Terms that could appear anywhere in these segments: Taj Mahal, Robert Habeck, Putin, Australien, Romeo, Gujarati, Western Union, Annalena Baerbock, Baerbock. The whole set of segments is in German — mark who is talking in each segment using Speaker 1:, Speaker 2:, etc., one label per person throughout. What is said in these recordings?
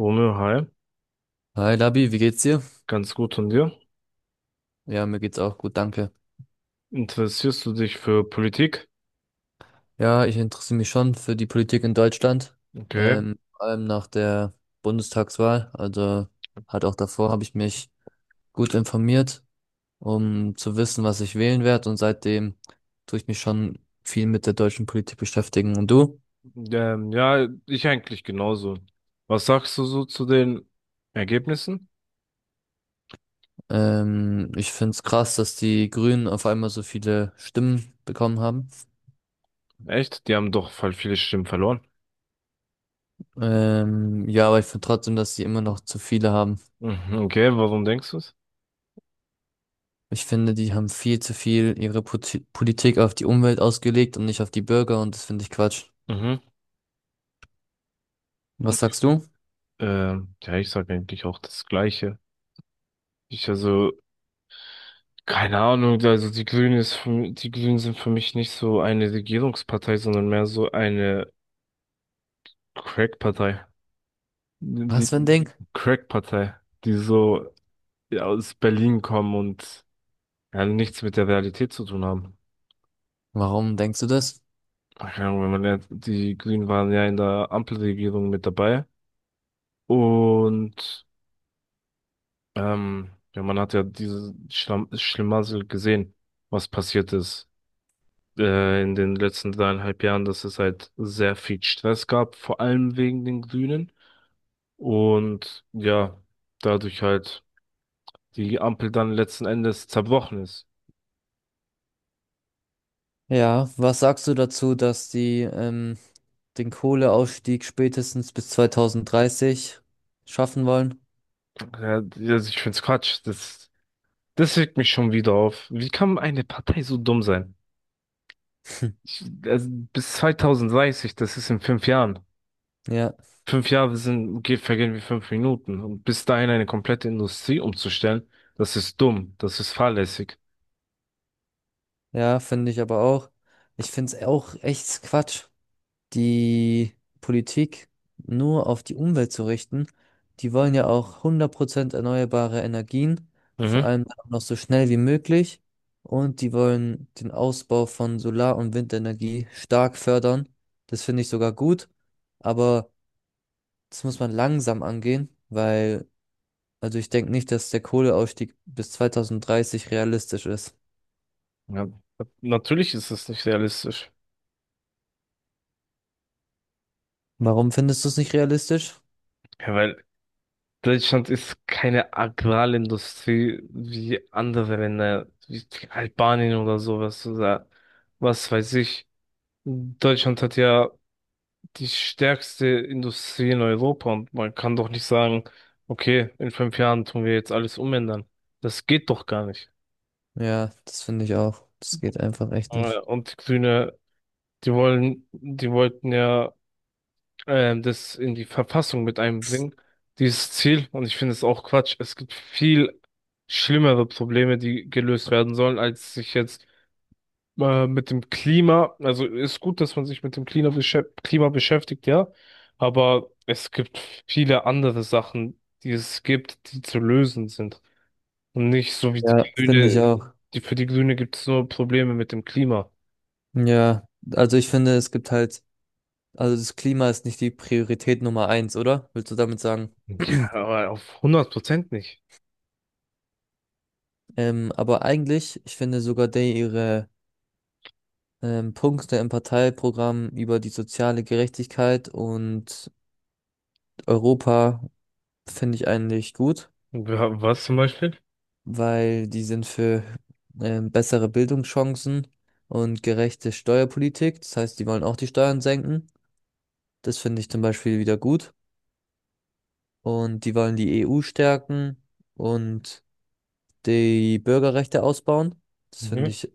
Speaker 1: Romeo, hi!
Speaker 2: Hi Labi, wie geht's dir?
Speaker 1: Ganz gut, und dir?
Speaker 2: Ja, mir geht's auch gut, danke.
Speaker 1: Interessierst du dich für Politik?
Speaker 2: Ja, ich interessiere mich schon für die Politik in Deutschland,
Speaker 1: Okay.
Speaker 2: vor allem nach der Bundestagswahl. Also halt auch davor habe ich mich gut informiert, um zu wissen, was ich wählen werde. Und seitdem tue ich mich schon viel mit der deutschen Politik beschäftigen. Und du?
Speaker 1: Ja, ich eigentlich genauso. Was sagst du so zu den Ergebnissen?
Speaker 2: Ich finde es krass, dass die Grünen auf einmal so viele Stimmen bekommen haben.
Speaker 1: Echt? Die haben doch voll viele Stimmen verloren.
Speaker 2: Ja, aber ich finde trotzdem, dass sie immer noch zu viele haben.
Speaker 1: Mhm, okay, warum denkst du es?
Speaker 2: Ich finde, die haben viel zu viel ihre Politik auf die Umwelt ausgelegt und nicht auf die Bürger und das finde ich Quatsch.
Speaker 1: Mhm.
Speaker 2: Was sagst du?
Speaker 1: Ja, ich sag eigentlich auch das Gleiche. Ich, also, keine Ahnung, also die Grünen ist für, die Grünen sind für mich nicht so eine Regierungspartei, sondern mehr so eine Crack-Partei.
Speaker 2: Was
Speaker 1: Die
Speaker 2: für ein Ding?
Speaker 1: Crack-Partei, die so, ja, aus Berlin kommen und, ja, nichts mit der Realität zu tun haben.
Speaker 2: Warum denkst du das?
Speaker 1: Keine Ahnung, wenn man jetzt, die Grünen waren ja in der Ampelregierung mit dabei, und ja, man hat ja dieses Schlamm Schlamassel gesehen, was passiert ist in den letzten 3,5 Jahren, dass es halt sehr viel Stress gab, vor allem wegen den Grünen, und ja, dadurch halt die Ampel dann letzten Endes zerbrochen ist.
Speaker 2: Ja, was sagst du dazu, dass die den Kohleausstieg spätestens bis 2030 schaffen wollen?
Speaker 1: Ja, also ich find's Quatsch. Das regt mich schon wieder auf. Wie kann eine Partei so dumm sein? Also bis 2030, das ist in 5 Jahren.
Speaker 2: Ja,
Speaker 1: 5 Jahre vergehen wie 5 Minuten. Und bis dahin eine komplette Industrie umzustellen, das ist dumm, das ist fahrlässig.
Speaker 2: ja, finde ich aber auch. Ich finde es auch echt Quatsch. Die Politik nur auf die Umwelt zu richten. Die wollen ja auch 100% erneuerbare Energien, vor
Speaker 1: Mhm.
Speaker 2: allem auch noch so schnell wie möglich. Und die wollen den Ausbau von Solar- und Windenergie stark fördern. Das finde ich sogar gut. Aber das muss man langsam angehen, weil, also ich denke nicht, dass der Kohleausstieg bis 2030 realistisch ist.
Speaker 1: Ja, natürlich ist es nicht realistisch.
Speaker 2: Warum findest du es nicht realistisch?
Speaker 1: Ja, weil Deutschland ist keine Agrarindustrie wie andere Länder, wie Albanien oder sowas, oder was weiß ich. Deutschland hat ja die stärkste Industrie in Europa, und man kann doch nicht sagen, okay, in 5 Jahren tun wir jetzt alles umändern. Das geht doch gar nicht.
Speaker 2: Ja, das finde ich auch. Das geht einfach echt
Speaker 1: Äh,
Speaker 2: nicht.
Speaker 1: Und die Grüne, die wollten ja, das in die Verfassung mit einbringen, dieses Ziel. Und ich finde es auch Quatsch. Es gibt viel schlimmere Probleme, die gelöst werden sollen, als sich jetzt mit dem Klima, also ist gut, dass man sich mit dem Klima Klima beschäftigt, ja, aber es gibt viele andere Sachen, die es gibt, die zu lösen sind. Und nicht so wie die
Speaker 2: Ja, finde ich
Speaker 1: Grüne,
Speaker 2: auch.
Speaker 1: für die Grüne gibt es nur Probleme mit dem Klima.
Speaker 2: Ja, also ich finde, es gibt halt, also das Klima ist nicht die Priorität Nummer eins, oder? Willst du damit sagen?
Speaker 1: Ja, aber auf 100% nicht.
Speaker 2: Aber eigentlich, ich finde sogar der ihre Punkte im Parteiprogramm über die soziale Gerechtigkeit und Europa finde ich eigentlich gut,
Speaker 1: Ja, was zum Beispiel?
Speaker 2: weil die sind für bessere Bildungschancen und gerechte Steuerpolitik. Das heißt, die wollen auch die Steuern senken. Das finde ich zum Beispiel wieder gut. Und die wollen die EU stärken und die Bürgerrechte ausbauen. Das finde
Speaker 1: Mhm.
Speaker 2: ich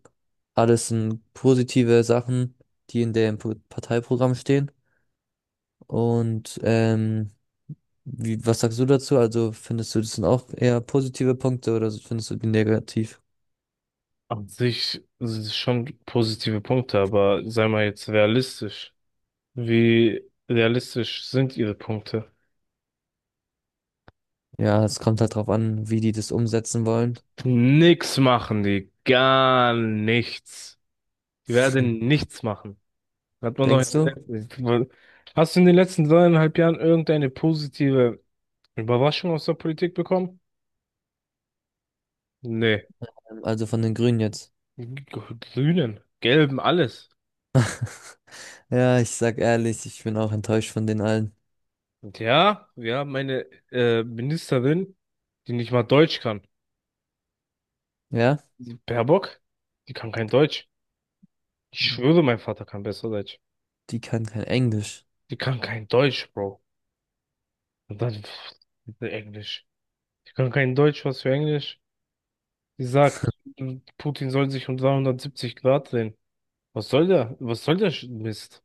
Speaker 2: alles sind positive Sachen, die in dem Parteiprogramm stehen. Und was sagst du dazu? Also findest du, das sind auch eher positive Punkte oder so, findest du die negativ?
Speaker 1: An sich sind schon positive Punkte, aber sei mal jetzt realistisch. Wie realistisch sind ihre Punkte?
Speaker 2: Ja, es kommt halt drauf an, wie die das umsetzen wollen.
Speaker 1: Nix machen die, gar nichts. Die werden nichts machen. Hat man doch in
Speaker 2: Denkst du?
Speaker 1: den
Speaker 2: Also,
Speaker 1: letzten, Hast du in den letzten dreieinhalb Jahren irgendeine positive Überraschung aus der Politik bekommen? Nee.
Speaker 2: Also von den Grünen jetzt.
Speaker 1: Grünen, Gelben, alles.
Speaker 2: Ja, ich sag ehrlich, ich bin auch enttäuscht von den allen.
Speaker 1: Und ja, wir haben eine Ministerin, die nicht mal Deutsch kann.
Speaker 2: Ja,
Speaker 1: Die Baerbock, die kann kein Deutsch. Ich schwöre, mein Vater kann besser Deutsch.
Speaker 2: die kann kein Englisch.
Speaker 1: Die kann kein Deutsch, Bro. Und dann pff, Englisch. Die kann kein Deutsch, was für Englisch. Sie sagt, Putin soll sich um 370 Grad drehen. Was soll der? Was soll der Mist?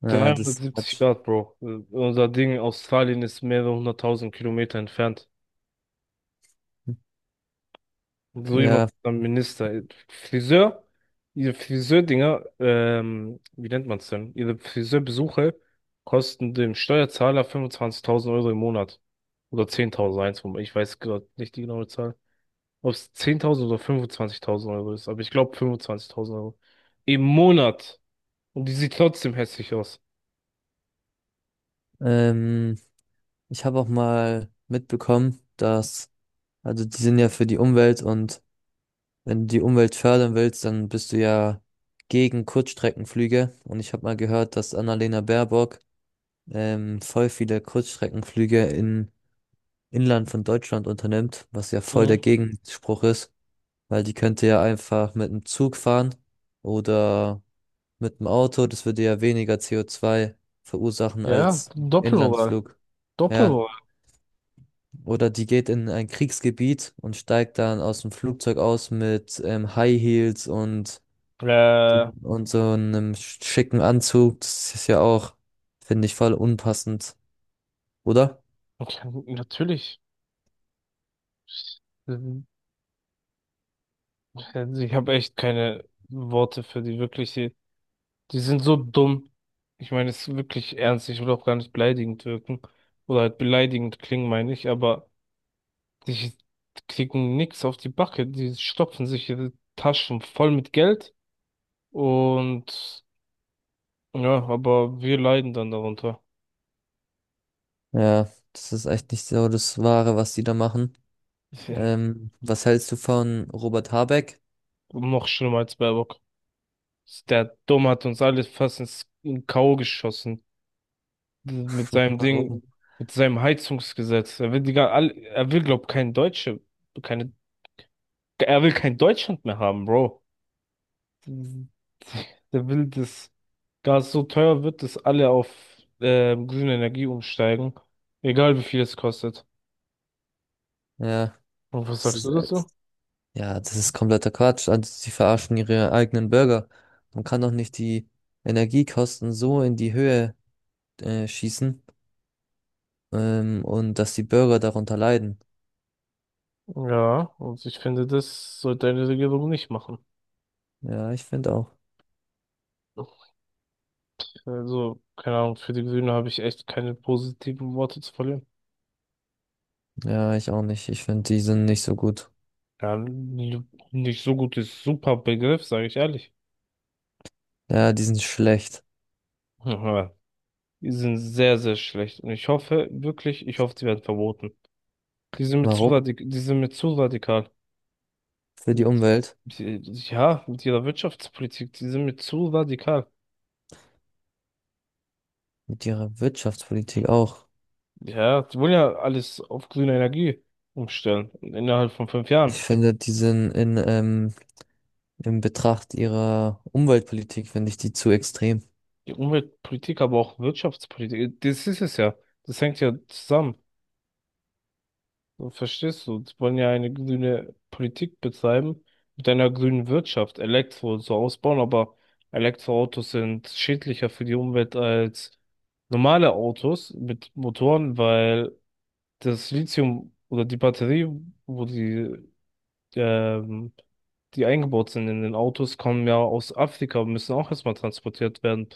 Speaker 2: Ja, das
Speaker 1: 370
Speaker 2: hat.
Speaker 1: Grad, Bro. Unser Ding, Australien ist mehrere 100.000 Kilometer entfernt. Und so jemand
Speaker 2: Ja,
Speaker 1: ist ein Minister. Friseur, Ihre Friseurdinger, wie nennt man's denn? Ihre Friseurbesuche kosten dem Steuerzahler 25.000 Euro im Monat. Oder 10.000, eins ich weiß gerade nicht die genaue Zahl. Ob es 10.000 oder 25.000 Euro ist, aber ich glaube 25.000 Euro. Im Monat. Und die sieht trotzdem hässlich aus.
Speaker 2: ähm. Ich habe auch mal mitbekommen, dass, also die sind ja für die Umwelt und wenn du die Umwelt fördern willst, dann bist du ja gegen Kurzstreckenflüge. Und ich habe mal gehört, dass Annalena Baerbock voll viele Kurzstreckenflüge in Inland von Deutschland unternimmt, was ja voll der
Speaker 1: Mhm.
Speaker 2: Gegenspruch ist, weil die könnte ja einfach mit dem Zug fahren oder mit dem Auto, das würde ja weniger CO2 verursachen
Speaker 1: Ja,
Speaker 2: als
Speaker 1: Doppelmoral.
Speaker 2: Inlandsflug. Ja.
Speaker 1: Doppelmoral.
Speaker 2: Oder die geht in ein Kriegsgebiet und steigt dann aus dem Flugzeug aus mit High Heels
Speaker 1: Ja,
Speaker 2: und so einem schicken Anzug. Das ist ja auch, finde ich, voll unpassend, oder?
Speaker 1: natürlich. Ähm, Ich habe echt keine Worte für die wirklich. Die sind so dumm. Ich meine, es ist wirklich ernst. Ich will auch gar nicht beleidigend wirken. Oder halt beleidigend klingen, meine ich, aber die kriegen nix auf die Backe. Die stopfen sich ihre Taschen voll mit Geld. Und ja, aber wir leiden dann darunter.
Speaker 2: Ja, das ist echt nicht so das Wahre, was die da machen.
Speaker 1: Ist ja
Speaker 2: Was hältst du von Robert Habeck?
Speaker 1: noch schlimmer als Baerbock. Der Dumme hat uns alle fast ins in K.O. geschossen. Mit seinem Ding,
Speaker 2: Warum?
Speaker 1: mit seinem Heizungsgesetz. Er will er will, glaub, kein Deutsche, keine, er will kein Deutschland mehr haben, Bro. Der will, dass Gas so teuer wird, dass alle auf grüne Energie umsteigen. Egal wie viel es kostet.
Speaker 2: Ja,
Speaker 1: Und was
Speaker 2: das
Speaker 1: sagst
Speaker 2: ist,
Speaker 1: du dazu?
Speaker 2: jetzt- ja, das ist kompletter Quatsch. Also, sie verarschen ihre eigenen Bürger. Man kann doch nicht die Energiekosten so in die Höhe, schießen. Und dass die Bürger darunter leiden.
Speaker 1: Ja, und ich finde, das sollte eine Regierung nicht machen.
Speaker 2: Ja, ich finde auch.
Speaker 1: Also, keine Ahnung, für die Grünen habe ich echt keine positiven Worte zu verlieren.
Speaker 2: Ja, ich auch nicht. Ich finde, die sind nicht so gut.
Speaker 1: Ja, nicht so gut ist super Begriff, sage ich ehrlich.
Speaker 2: Ja, die sind schlecht.
Speaker 1: Aber die sind sehr, sehr schlecht. Und ich hoffe, wirklich, ich hoffe, die werden verboten. Die sind mir zu
Speaker 2: Warum?
Speaker 1: radikal, die sind mir zu radikal.
Speaker 2: Für die Umwelt.
Speaker 1: Die, ja, mit ihrer Wirtschaftspolitik, die sind mir zu radikal.
Speaker 2: Mit ihrer Wirtschaftspolitik auch.
Speaker 1: Ja, die wollen ja alles auf grüne Energie umstellen. Innerhalb von 5 Jahren.
Speaker 2: Ich finde, die sind in Betracht ihrer Umweltpolitik, finde ich die zu extrem.
Speaker 1: Die Umweltpolitik, aber auch Wirtschaftspolitik, das ist es ja. Das hängt ja zusammen. Du Verstehst du? Die wollen ja eine grüne Politik betreiben, mit einer grünen Wirtschaft, Elektro und so ausbauen, aber Elektroautos sind schädlicher für die Umwelt als normale Autos mit Motoren, weil das Lithium oder die Batterie, wo ähm, die eingebaut sind in den Autos, kommen ja aus Afrika und müssen auch erstmal transportiert werden,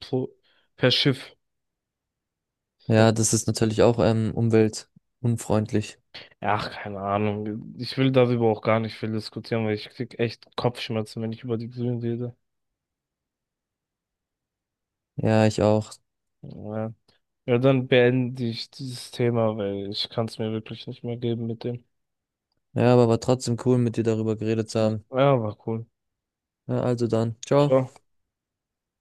Speaker 1: pro, per Schiff.
Speaker 2: Ja, das ist natürlich auch, umweltunfreundlich.
Speaker 1: Ach, keine Ahnung. Ich will darüber auch gar nicht viel diskutieren, weil ich krieg echt Kopfschmerzen, wenn ich über die Grünen rede.
Speaker 2: Ja, ich auch.
Speaker 1: Ja. Ja, dann beende ich dieses Thema, weil ich kann es mir wirklich nicht mehr geben mit dem.
Speaker 2: Ja, aber war trotzdem cool, mit dir darüber geredet zu haben.
Speaker 1: Ja, war cool.
Speaker 2: Ja, also dann. Ciao.
Speaker 1: Ciao.